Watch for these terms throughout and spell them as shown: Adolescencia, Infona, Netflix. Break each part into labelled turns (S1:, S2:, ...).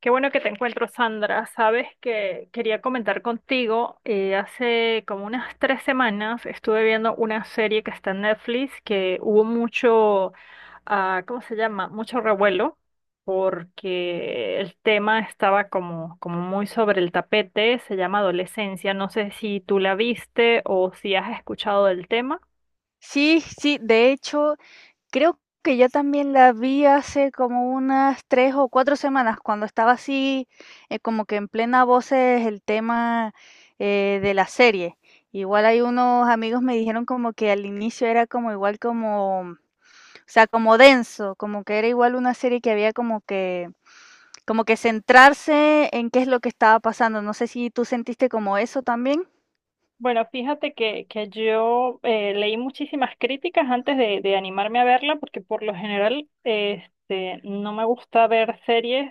S1: Qué bueno que te encuentro, Sandra. Sabes que quería comentar contigo. Hace como unas 3 semanas estuve viendo una serie que está en Netflix que hubo ¿cómo se llama? Mucho revuelo porque el tema estaba como muy sobre el tapete. Se llama Adolescencia. No sé si tú la viste o si has escuchado del tema.
S2: Sí, sí, de hecho, creo que yo también la vi hace como unas 3 o 4 semanas, cuando estaba así, como que en plena voces el tema de la serie. Igual hay unos amigos me dijeron como que al inicio era como igual como, o sea, como denso, como que era igual una serie que había como que centrarse en qué es lo que estaba pasando. No sé si tú sentiste como eso también.
S1: Bueno, fíjate que yo leí muchísimas críticas de animarme a verla, porque por lo general este, no me gusta ver series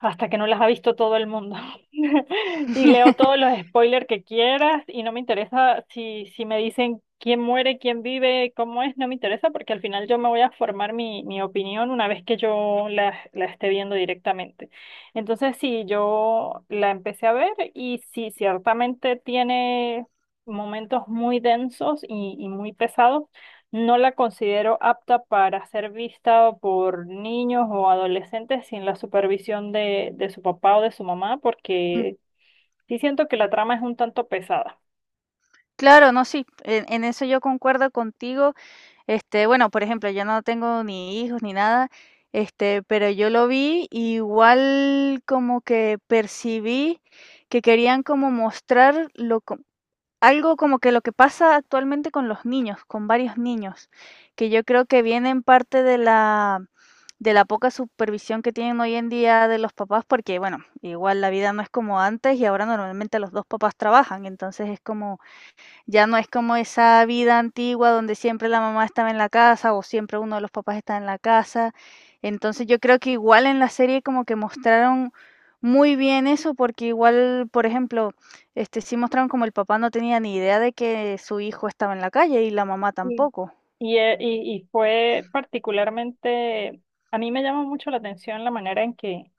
S1: hasta que no las ha visto todo el mundo. Y leo todos los spoilers que quieras y no me interesa si me dicen quién muere, quién vive, cómo es, no me interesa porque al final yo me voy a formar mi opinión una vez que yo la esté viendo directamente. Entonces, sí, yo la empecé a ver y sí, ciertamente tiene momentos muy densos y muy pesados, no la considero apta para ser vista por niños o adolescentes sin la supervisión de su papá o de su mamá,
S2: Mm.
S1: porque sí siento que la trama es un tanto pesada.
S2: Claro, no, sí, en eso yo concuerdo contigo. Este, bueno, por ejemplo, yo no tengo ni hijos ni nada, este, pero yo lo vi y igual como que percibí que querían como mostrar lo, algo como que lo que pasa actualmente con los niños, con varios niños, que yo creo que viene en parte de la poca supervisión que tienen hoy en día de los papás, porque bueno, igual la vida no es como antes y ahora normalmente los dos papás trabajan, entonces es como ya no es como esa vida antigua donde siempre la mamá estaba en la casa o siempre uno de los papás está en la casa. Entonces yo creo que igual en la serie como que mostraron muy bien eso, porque igual, por ejemplo, este sí mostraron como el papá no tenía ni idea de que su hijo estaba en la calle y la mamá
S1: Sí.
S2: tampoco.
S1: Y y fue particularmente, a mí me llama mucho la atención la manera en que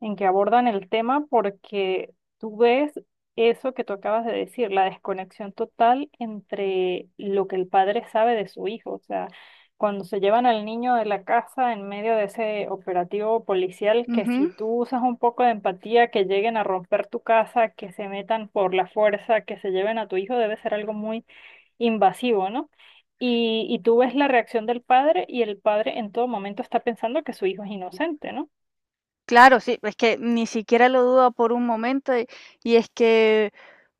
S1: en que abordan el tema porque tú ves eso que tú acabas de decir, la desconexión total entre lo que el padre sabe de su hijo. O sea, cuando se llevan al niño de la casa en medio de ese operativo policial, que si
S2: Ujú.
S1: tú usas un poco de empatía, que lleguen a romper tu casa, que se metan por la fuerza, que se lleven a tu hijo, debe ser algo muy invasivo, ¿no? Y tú ves la reacción del padre y el padre en todo momento está pensando que su hijo es inocente, ¿no?
S2: Claro, sí, es que ni siquiera lo duda por un momento y es que,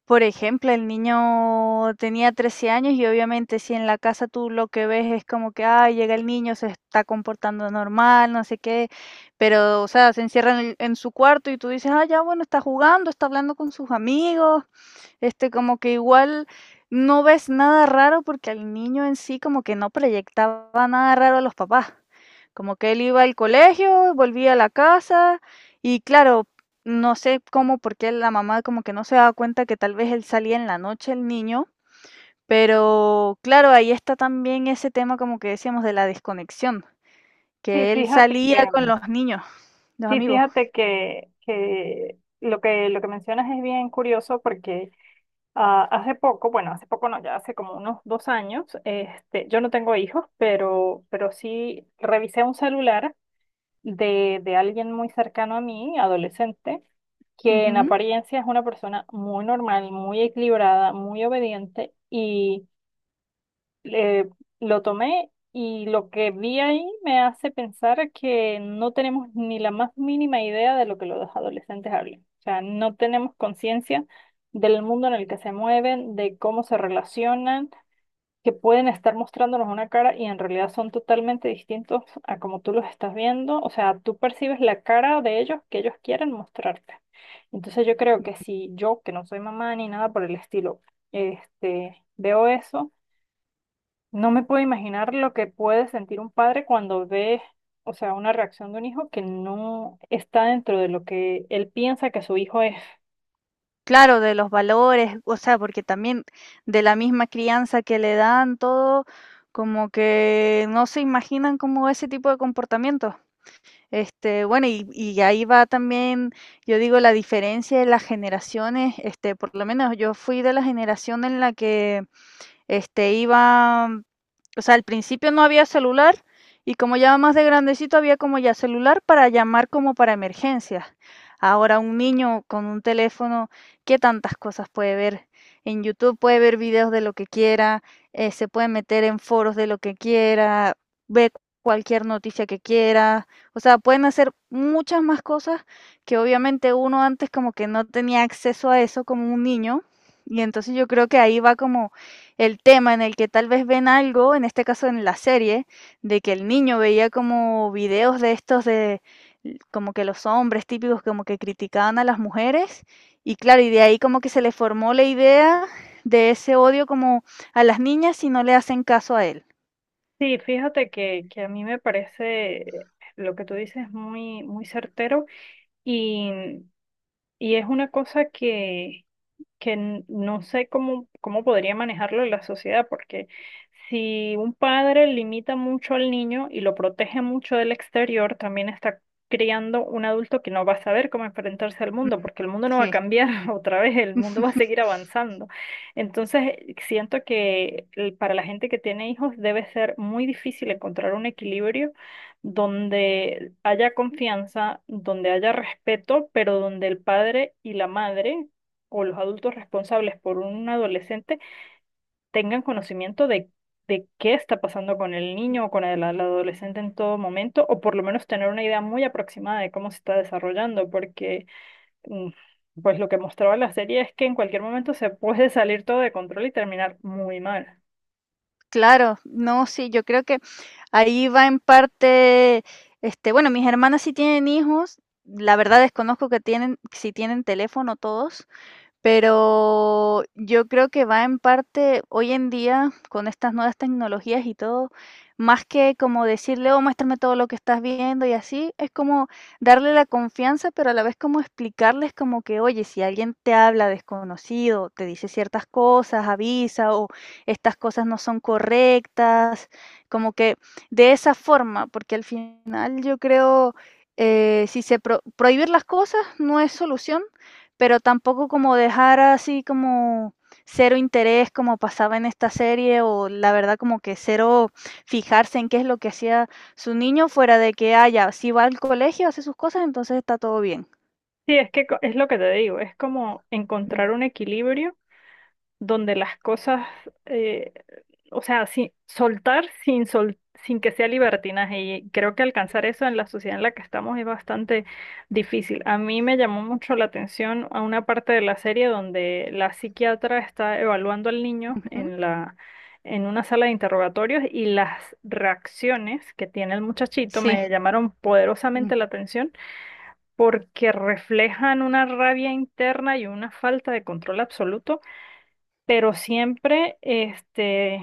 S2: por ejemplo, el niño tenía 13 años y obviamente si en la casa tú lo que ves es como que, ah, llega el niño, se está comportando normal, no sé qué, pero, o sea, se encierra en su cuarto y tú dices, ah, ya, bueno, está jugando, está hablando con sus amigos, este, como que igual no ves nada raro porque al niño en sí como que no proyectaba nada raro a los papás. Como que él iba al colegio, volvía a la casa y claro, no sé cómo, porque la mamá como que no se daba cuenta que tal vez él salía en la noche el niño, pero claro, ahí está también ese tema como que decíamos de la desconexión,
S1: Sí,
S2: que él
S1: fíjate que,
S2: salía con los niños, los
S1: Sí,
S2: amigos.
S1: fíjate que lo que mencionas es bien curioso porque ah, hace poco, bueno, hace poco no, ya hace como unos 2 años, este, yo no tengo hijos, pero sí revisé un celular de alguien muy cercano a mí, adolescente, que en
S2: Ujú.
S1: apariencia es una persona muy normal, muy equilibrada, muy obediente y eh, lo tomé y lo que vi ahí me hace pensar que no tenemos ni la más mínima idea de lo que los adolescentes hablan. O sea, no tenemos conciencia del mundo en el que se mueven, de cómo se relacionan, que pueden estar mostrándonos una cara y en realidad son totalmente distintos a como tú los estás viendo. O sea, tú percibes la cara de ellos que ellos quieren mostrarte. Entonces yo creo que si yo, que no soy mamá ni nada por el estilo, este, veo eso, no me puedo imaginar lo que puede sentir un padre cuando ve, o sea, una reacción de un hijo que no está dentro de lo que él piensa que su hijo es.
S2: Claro, de los valores, o sea, porque también de la misma crianza que le dan todo, como que no se imaginan como ese tipo de comportamientos. Este, bueno, y ahí va también, yo digo, la diferencia de las generaciones, este, por lo menos yo fui de la generación en la que este, iba, o sea, al principio no había celular y como ya más de grandecito había como ya celular para llamar como para emergencias. Ahora un niño con un teléfono, ¿qué tantas cosas puede ver? En YouTube puede ver videos de lo que quiera, se puede meter en foros de lo que quiera, ve cualquier noticia que quiera, o sea, pueden hacer muchas más cosas que obviamente uno antes como que no tenía acceso a eso como un niño, y entonces yo creo que ahí va como el tema en el que tal vez ven algo, en este caso en la serie, de que el niño veía como videos de estos de como que los hombres típicos como que criticaban a las mujeres y claro, y de ahí como que se le formó la idea de ese odio como a las niñas si no le hacen caso a él.
S1: Sí, fíjate que a mí me parece lo que tú dices muy certero y, y es una cosa que no sé cómo, cómo podría manejarlo la sociedad, porque si un padre limita mucho al niño y lo protege mucho del exterior, también está criando un adulto que no va a saber cómo enfrentarse al mundo, porque el mundo no va a
S2: Sí.
S1: cambiar otra vez, el mundo va a seguir avanzando. Entonces, siento que para la gente que tiene hijos debe ser muy difícil encontrar un equilibrio donde haya confianza, donde haya respeto, pero donde el padre y la madre o los adultos responsables por un adolescente tengan conocimiento de qué está pasando con el niño o con el adolescente en todo momento, o por lo menos tener una idea muy aproximada de cómo se está desarrollando, porque mm, pues lo que mostraba la serie es que en cualquier momento se puede salir todo de control y terminar muy mal.
S2: Claro, no, sí, yo creo que ahí va en parte, este, bueno, mis hermanas sí tienen hijos, la verdad desconozco que tienen, si tienen teléfono todos, pero yo creo que va en parte hoy en día con estas nuevas tecnologías y todo, más que como decirle, oh, muéstrame todo lo que estás viendo y así, es como darle la confianza, pero a la vez como explicarles como que, oye, si alguien te habla desconocido, te dice ciertas cosas, avisa o estas cosas no son correctas, como que de esa forma, porque al final yo creo, si se prohibir las cosas no es solución pero tampoco como dejar así como cero interés como pasaba en esta serie o la verdad como que cero fijarse en qué es lo que hacía su niño fuera de que haya, si va al colegio, hace sus cosas, entonces está todo bien.
S1: Sí, es que es lo que te digo, es como
S2: Mm.
S1: encontrar un equilibrio donde las cosas, eh, o sea, sin, soltar sin que sea libertinaje. Y creo que alcanzar eso en la sociedad en la que estamos es bastante difícil. A mí me llamó mucho la atención a una parte de la serie donde la psiquiatra está evaluando al niño
S2: Ujú.
S1: en en una sala de interrogatorios y las reacciones que tiene el muchachito
S2: Sí.
S1: me llamaron
S2: Mm.
S1: poderosamente la atención porque reflejan una rabia interna y una falta de control absoluto, pero siempre este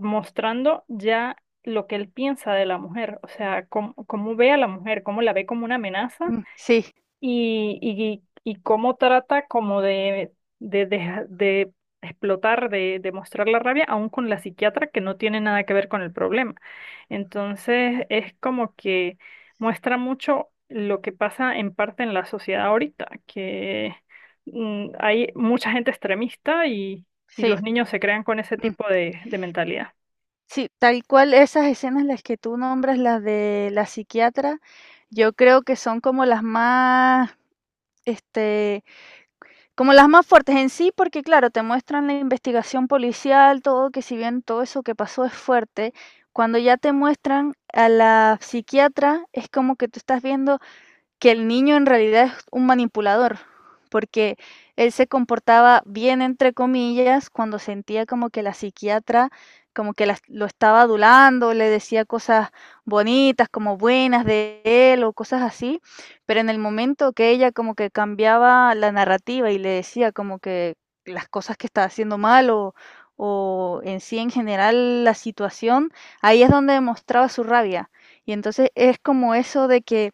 S1: mostrando ya lo que él piensa de la mujer, o sea, cómo ve a la mujer, cómo la ve como una amenaza
S2: Mm. Sí,
S1: y cómo trata como de explotar, de mostrar la rabia, aún con la psiquiatra que no tiene nada que ver con el problema. Entonces, es como que muestra mucho lo que pasa en parte en la sociedad ahorita, que mm, hay mucha gente extremista y
S2: sí.
S1: los niños se crean con ese
S2: Mm.
S1: tipo de mentalidad.
S2: Sí, tal cual esas escenas las que tú nombras, las de la psiquiatra, yo creo que son como las más, este, como las más fuertes en sí, porque claro, te muestran la investigación policial, todo, que si bien todo eso que pasó es fuerte, cuando ya te muestran a la psiquiatra, es como que tú estás viendo que el niño en realidad es un manipulador, porque él se comportaba bien, entre comillas, cuando sentía como que la psiquiatra como que lo estaba adulando, le decía cosas bonitas, como buenas de él o cosas así, pero en el momento que ella como que cambiaba la narrativa y le decía como que las cosas que estaba haciendo mal o en sí en general la situación, ahí es donde demostraba su rabia. Y entonces es como eso de que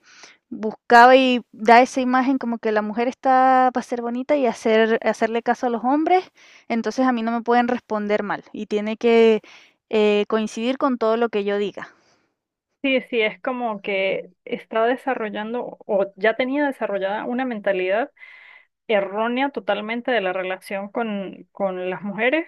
S2: buscaba y da esa imagen como que la mujer está para ser bonita y hacerle caso a los hombres, entonces a mí no me pueden responder mal y tiene que, coincidir con todo lo que yo diga.
S1: Sí, sí, es como que está desarrollando o ya tenía desarrollada una mentalidad errónea totalmente de la relación con las mujeres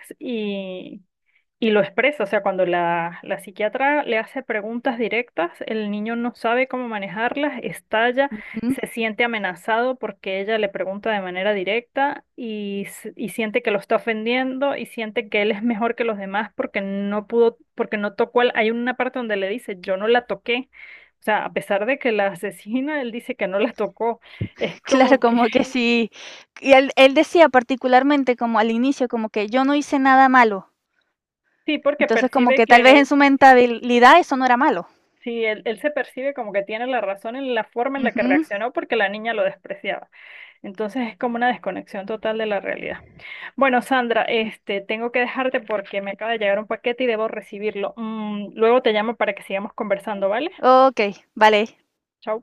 S1: y lo expresa, o sea, cuando la psiquiatra le hace preguntas directas, el niño no sabe cómo manejarlas, estalla,
S2: Ujú.
S1: se siente amenazado porque ella le pregunta de manera directa y, y siente que lo está ofendiendo y siente que él es mejor que los demás porque no pudo, porque no tocó al... Hay una parte donde le dice, yo no la toqué. O sea, a pesar de que la asesina, él dice que no la tocó. Es
S2: Claro,
S1: como que
S2: como que sí. Y él decía particularmente como al inicio, como que yo no hice nada malo.
S1: sí, porque
S2: Entonces como
S1: percibe
S2: que tal vez en
S1: que
S2: su mentalidad eso no era malo.
S1: sí, él se percibe como que tiene la razón en la forma en la que
S2: Ujú.
S1: reaccionó porque la niña lo despreciaba. Entonces es como una desconexión total de la realidad. Bueno, Sandra,
S2: Mm.
S1: este, tengo que dejarte porque me acaba de llegar un paquete y debo recibirlo. Mm, luego te llamo para que sigamos conversando, ¿vale?
S2: Ok, vale.
S1: Chao.